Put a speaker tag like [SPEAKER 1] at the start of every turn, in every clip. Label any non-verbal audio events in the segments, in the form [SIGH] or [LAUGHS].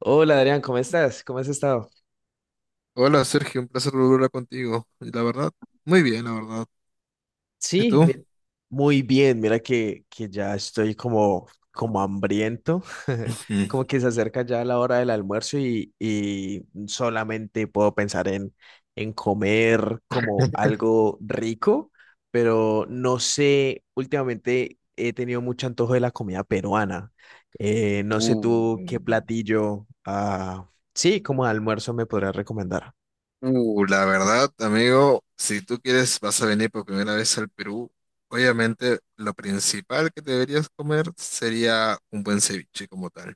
[SPEAKER 1] Hola Adrián, ¿cómo estás? ¿Cómo has estado?
[SPEAKER 2] Hola Sergio, un placer volver a hablar contigo. Y la verdad, muy bien, la verdad. ¿Y
[SPEAKER 1] Sí,
[SPEAKER 2] tú?
[SPEAKER 1] mi- muy bien. Mira que ya estoy como, como hambriento, [LAUGHS] como
[SPEAKER 2] Ujú.
[SPEAKER 1] que se acerca ya la hora del almuerzo y solamente puedo pensar en comer como algo rico, pero no sé, últimamente he tenido mucho antojo de la comida peruana. No sé tú qué
[SPEAKER 2] Uh,
[SPEAKER 1] platillo, sí, como almuerzo me podrías recomendar.
[SPEAKER 2] la verdad, amigo, si tú quieres, vas a venir por primera vez al Perú. Obviamente, lo principal que deberías comer sería un buen ceviche como tal.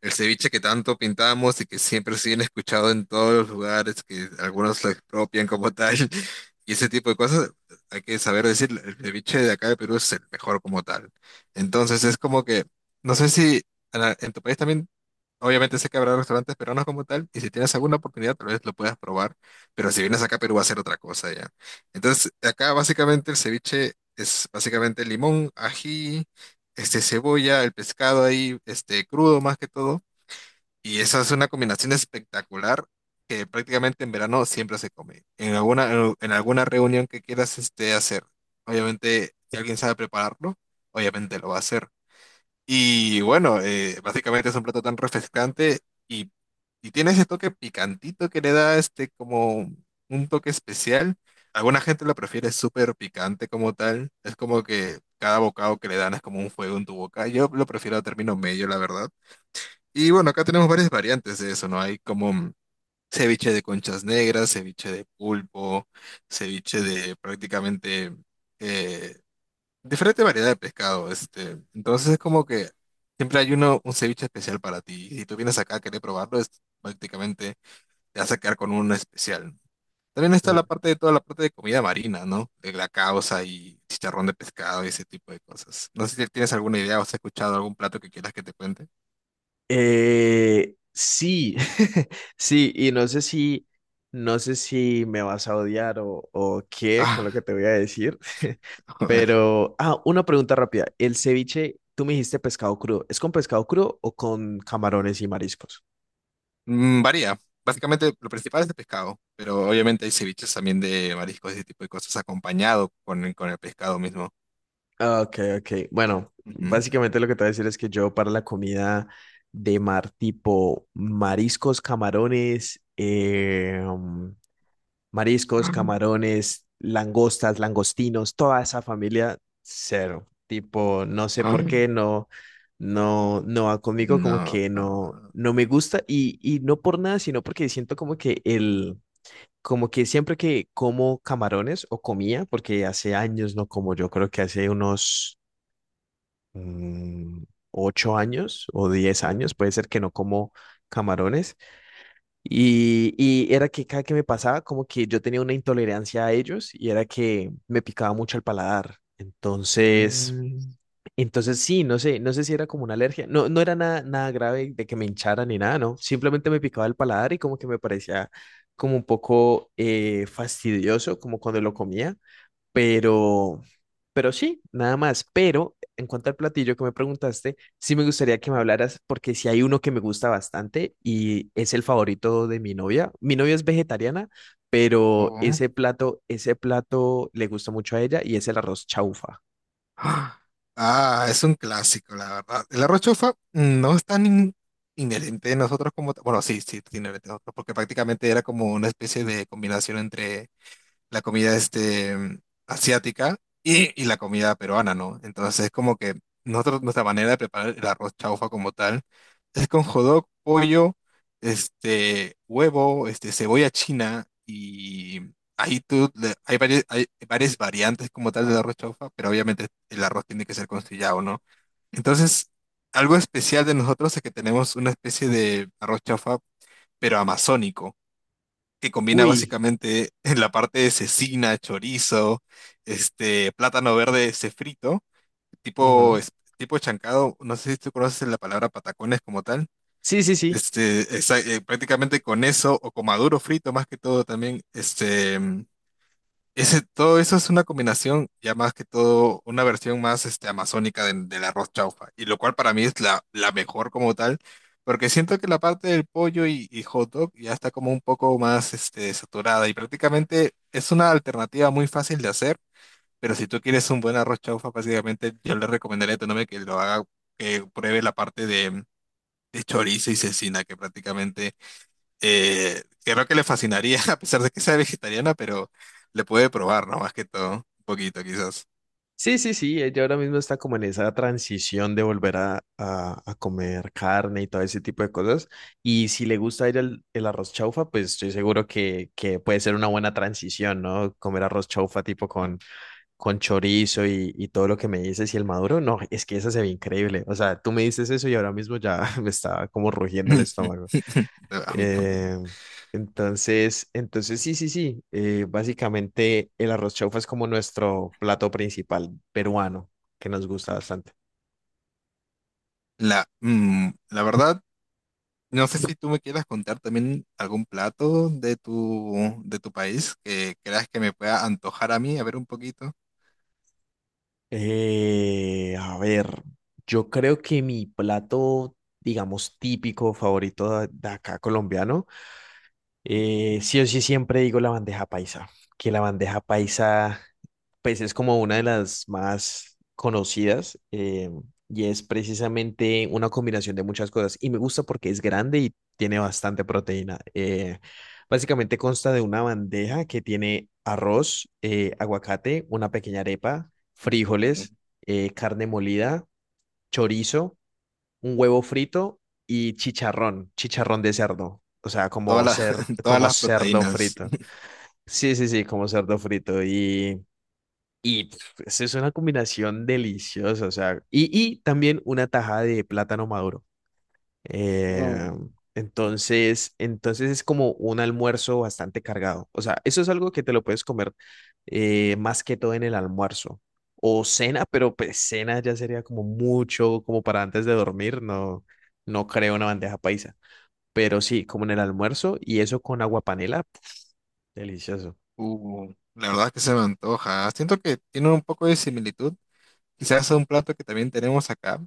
[SPEAKER 2] El ceviche que tanto pintamos y que siempre se viene escuchado en todos los lugares, que algunos lo expropian como tal, [LAUGHS] y ese tipo de cosas, hay que saber decir, el ceviche de acá de Perú es el mejor como tal. Entonces es como que, no sé si en tu país también, obviamente sé que habrá restaurantes peruanos como tal, y si tienes alguna oportunidad tal vez lo puedas probar, pero si vienes acá a Perú va a ser otra cosa ya. Entonces acá básicamente el ceviche es básicamente limón, ají, este, cebolla, el pescado ahí, este, crudo más que todo y esa es una combinación espectacular que prácticamente en verano siempre se come. En alguna reunión que quieras este, hacer. Obviamente, si alguien sabe prepararlo, obviamente lo va a hacer. Y bueno, básicamente es un plato tan refrescante y, y tiene ese toque picantito que le da este como un toque especial. Alguna gente lo prefiere súper picante como tal. Es como que cada bocado que le dan es como un fuego en tu boca. Yo lo prefiero a término medio, la verdad y bueno, acá tenemos varias variantes de eso, ¿no? Hay como ceviche de conchas negras, ceviche de pulpo, ceviche de prácticamente eh, diferente variedad de pescado. Este. Entonces es como que siempre hay uno, un ceviche especial para ti. Y si tú vienes acá a querer probarlo, es, prácticamente te vas a quedar con uno especial. También está la parte de toda la parte de comida marina, ¿no? De la causa y chicharrón de pescado y ese tipo de cosas. No sé si tienes alguna idea o has escuchado algún plato que quieras que te cuente.
[SPEAKER 1] Sí, [LAUGHS] sí, y no sé si me vas a odiar o qué con lo que
[SPEAKER 2] Ah,
[SPEAKER 1] te voy a decir, [LAUGHS]
[SPEAKER 2] [LAUGHS]
[SPEAKER 1] pero, una pregunta rápida. El ceviche, tú me dijiste pescado crudo, ¿es con pescado crudo o con camarones y mariscos?
[SPEAKER 2] Mm, varía. Básicamente lo principal es de pescado, pero obviamente hay ceviches también de mariscos y ese tipo de cosas acompañado con con el pescado mismo.
[SPEAKER 1] Ah, ok, ok. Bueno,
[SPEAKER 2] Ujú.
[SPEAKER 1] básicamente lo que te voy a decir es que yo para la comida de mar tipo mariscos, camarones, mariscos,
[SPEAKER 2] Ah.
[SPEAKER 1] camarones, langostas, langostinos, toda esa familia, cero. Tipo, no sé
[SPEAKER 2] Ah.
[SPEAKER 1] por qué no, no, no va conmigo, como
[SPEAKER 2] No.
[SPEAKER 1] que no, no me gusta y no por nada, sino porque siento como que como que siempre que como camarones o comía, porque hace años no como, yo creo que hace unos mm, 8 años o diez
[SPEAKER 2] Oh,
[SPEAKER 1] años, puede ser que no como camarones y era que cada que me pasaba, como que yo tenía una intolerancia a ellos y era que me picaba mucho el paladar.
[SPEAKER 2] mm,
[SPEAKER 1] Entonces sí, no sé si era como una alergia. No, no era nada, nada grave de que me hinchara ni nada, ¿no? Simplemente me picaba el paladar y como que me parecía como un poco fastidioso, como cuando lo comía. Pero, pero sí, nada más. Pero en cuanto al platillo que me preguntaste, sí me gustaría que me hablaras porque si hay uno que me gusta bastante y es el favorito de mi novia. Mi novia es vegetariana, pero
[SPEAKER 2] oh.
[SPEAKER 1] ese plato le gusta mucho a ella y es el arroz chaufa.
[SPEAKER 2] Ah, Ah, es un clásico, la verdad. El arroz chofa mm, no es tan inherente de nosotros como... Bueno, sí, sí, es inherente de nosotros, porque prácticamente era como una especie de combinación entre la comida este, mm, asiática y la comida peruana, ¿no? Entonces es como que nosotros, nuestra manera de preparar el arroz chaufa como tal es con jodok, pollo, este, huevo, este, cebolla china y ahí tú, hay varias variantes como tal del arroz chaufa, pero obviamente el arroz tiene que ser conciliado, ¿no? Entonces, algo especial de nosotros es que tenemos una especie de arroz chaufa, pero amazónico que combina
[SPEAKER 1] Uy,
[SPEAKER 2] básicamente [LAUGHS] en la parte de cecina, chorizo, este, plátano verde frito, tipo,
[SPEAKER 1] ujú.
[SPEAKER 2] tipo chancado, no sé si tú conoces la palabra patacones como tal.
[SPEAKER 1] Sí, sí, sí.
[SPEAKER 2] Este, prácticamente con eso, o con maduro frito más que todo también, este, ese, todo eso es una combinación, ya más que todo, una versión más este, amazónica del arroz chaufa, y lo cual para mí es la mejor como tal, porque siento que la parte del pollo y hot dog ya está como un poco más este, saturada, y prácticamente es una alternativa muy fácil de hacer, pero si tú quieres un buen arroz chaufa, básicamente yo le recomendaría a tu novia que lo haga, que pruebe la parte de chorizo y cecina, que prácticamente... creo que le fascinaría, [LAUGHS] a pesar de que sea vegetariana, pero le puede probar, ¿no? Más que todo, un poquito quizás.
[SPEAKER 1] Sí, sí, sí, ella ahora mismo está como en esa transición de volver a, a comer carne y todo ese tipo de cosas. Y si le gusta a ella el arroz chaufa, pues estoy seguro que puede ser una buena transición, ¿no? Comer arroz chaufa tipo con chorizo y todo lo que me dices y el maduro, no, es que esa se ve increíble. O sea, tú me dices eso y ahora mismo ya [LAUGHS] me está como rugiendo el estómago.
[SPEAKER 2] [LAUGHS] A mí también.
[SPEAKER 1] Eh, entonces sí, sí, sí. Básicamente el arroz chaufa es como nuestro plato principal peruano, que nos gusta bastante.
[SPEAKER 2] La verdad, no sé si tú me quieras contar también algún plato de tu país que creas que me pueda antojar a mí, a ver un poquito.
[SPEAKER 1] A ver, yo creo que mi plato, digamos, típico favorito de acá colombiano. Sí o sí siempre digo la bandeja paisa, que la bandeja paisa pues es como una de las más conocidas, y es precisamente una combinación de muchas cosas y me gusta porque es grande y tiene bastante proteína. Básicamente consta de una bandeja que tiene arroz, aguacate, una pequeña arepa, frijoles, carne molida, chorizo, un huevo frito y chicharrón, chicharrón de cerdo. O sea, como
[SPEAKER 2] Todas las,
[SPEAKER 1] cer-
[SPEAKER 2] [LAUGHS] todas
[SPEAKER 1] como
[SPEAKER 2] las
[SPEAKER 1] cerdo
[SPEAKER 2] proteínas.
[SPEAKER 1] frito. Sí, sí, sí, como cerdo frito. Y pf, es una combinación deliciosa. O sea, y también una tajada de plátano maduro.
[SPEAKER 2] Uh,
[SPEAKER 1] Eh, entonces es como un almuerzo bastante cargado. O sea, eso es algo que te lo puedes comer más que todo en el almuerzo. O cena, pero pues cena ya sería como mucho, como para antes de dormir, no, no creo una bandeja paisa. Pero sí, como en el almuerzo y eso con agua panela, pf, delicioso.
[SPEAKER 2] La verdad es que se me antoja. Siento que tiene un poco de similitud. Quizás es un plato que también tenemos acá,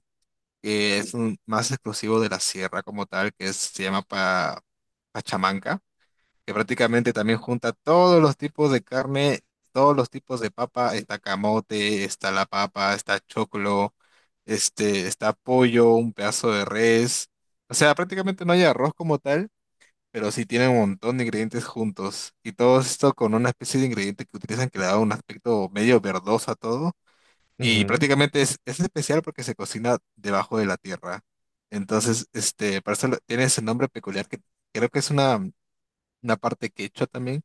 [SPEAKER 2] que es más exclusivo de la sierra como tal, que se llama Pachamanca, que prácticamente también junta todos los tipos de carne, todos los tipos de papa, está camote, está la papa, está choclo, este, está pollo, un pedazo de res. O sea, prácticamente no hay arroz como tal, pero sí tiene un montón de ingredientes juntos. Y todo esto con una especie de ingrediente que utilizan que le da un aspecto medio verdoso a todo y
[SPEAKER 1] Ujú.
[SPEAKER 2] prácticamente es especial porque se cocina debajo de la tierra. Entonces, este, por eso tiene ese nombre peculiar que creo que es una parte quechua también,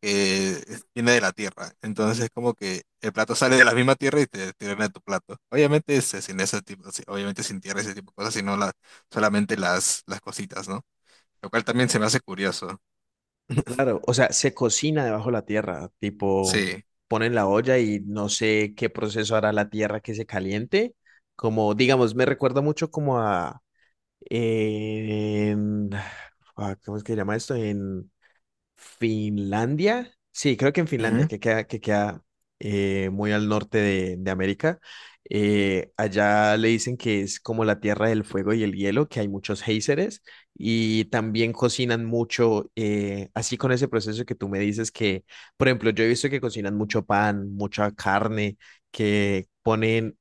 [SPEAKER 2] que viene de la tierra. Entonces es como que el plato sale de la misma tierra y te tiran a tu plato. Obviamente este, sin ese tipo, sí, obviamente sin tierra, ese tipo de cosas, sino solamente las cositas, ¿no? Lo cual también se me hace curioso. [LAUGHS]
[SPEAKER 1] Claro, o sea, se cocina debajo de la tierra, tipo,
[SPEAKER 2] Sí.
[SPEAKER 1] ponen la olla y no sé qué proceso hará la tierra que se caliente, como, digamos, me recuerda mucho como a, en- ¿cómo es que se llama esto? En Finlandia. Sí, creo que en Finlandia,
[SPEAKER 2] Ujú.
[SPEAKER 1] que queda muy al norte de América. Allá le dicen que es como la tierra del fuego y el hielo, que hay muchos géiseres y también cocinan mucho, así con ese proceso que tú me dices que, por ejemplo, yo he visto que cocinan mucho pan, mucha carne, que ponen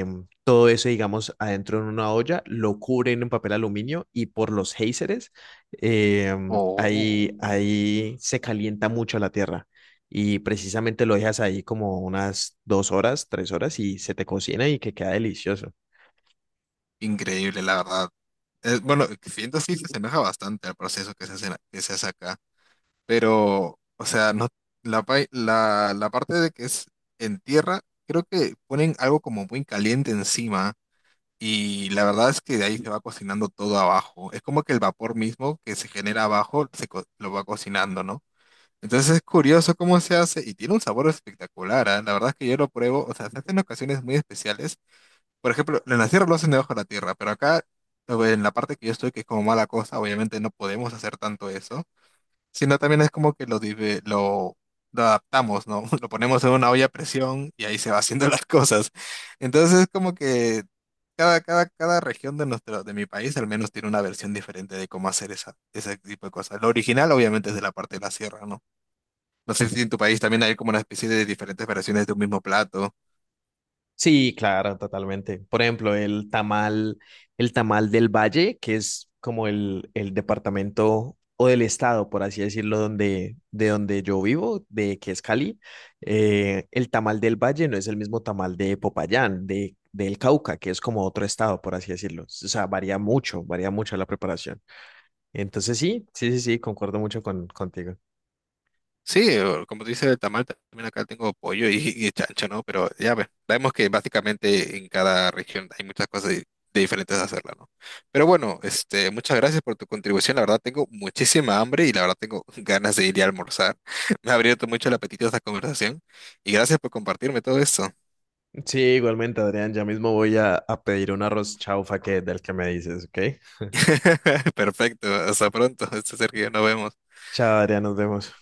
[SPEAKER 1] todo eso, digamos, adentro en una olla, lo cubren en papel aluminio y por los géiseres
[SPEAKER 2] Oh.
[SPEAKER 1] ahí, ahí se calienta mucho la tierra y precisamente lo dejas ahí como unas 2 horas, 3 horas y se te cocina y que queda delicioso.
[SPEAKER 2] Increíble, la verdad. Es bueno, siento sí se enoja bastante al proceso que se hace acá, pero, o sea, no, la parte de que es en tierra, creo que ponen algo como muy caliente encima y la verdad es que de ahí se va cocinando todo abajo. Es como que el vapor mismo que se genera abajo lo va cocinando, ¿no? Entonces es curioso cómo se hace y tiene un sabor espectacular, ¿ah? La verdad es que yo lo pruebo, o sea, se hace en ocasiones muy especiales por ejemplo, en la sierra lo hacen debajo de la tierra, pero acá, en la parte que yo estoy, que es como mala cosa, obviamente no podemos hacer tanto eso, sino también es como que lo adaptamos, ¿no? [LAUGHS] Lo ponemos en una olla a presión y ahí se va haciendo las cosas. Entonces es como que cada región de mi país al menos tiene una versión diferente de cómo hacer ese tipo de cosas. Lo original obviamente es de la parte de la sierra, ¿no? No sé si en tu país también hay como una especie de diferentes versiones de un mismo plato.
[SPEAKER 1] Sí, claro, totalmente. Por ejemplo, el tamal del Valle, que es como el departamento o del estado, por así decirlo, donde, de donde yo vivo, de que es Cali, el tamal del Valle no es el mismo tamal de Popayán, de, del Cauca, que es como otro estado, por así decirlo. O sea, varía mucho la preparación. Entonces, sí, sí, sí, sí, concuerdo mucho con, contigo.
[SPEAKER 2] Sí, o como dice el tamal, también acá tengo pollo y chancho, ¿no? Pero ya vemos que básicamente en cada región hay muchas cosas diferentes a hacerla, ¿no? Pero bueno, este, muchas gracias por tu contribución. La verdad tengo muchísima hambre y la verdad tengo [LAUGHS] ganas de ir a almorzar. [LAUGHS] Me ha abierto mucho el apetito esta conversación y gracias por compartirme todo esto.
[SPEAKER 1] Sí, igualmente, Adrián, ya mismo voy a pedir un arroz chaufa que del que me dices, ¿ok?
[SPEAKER 2] [LAUGHS] Perfecto, hasta pronto, este Sergio, nos vemos.
[SPEAKER 1] Chao, Adrián, nos vemos.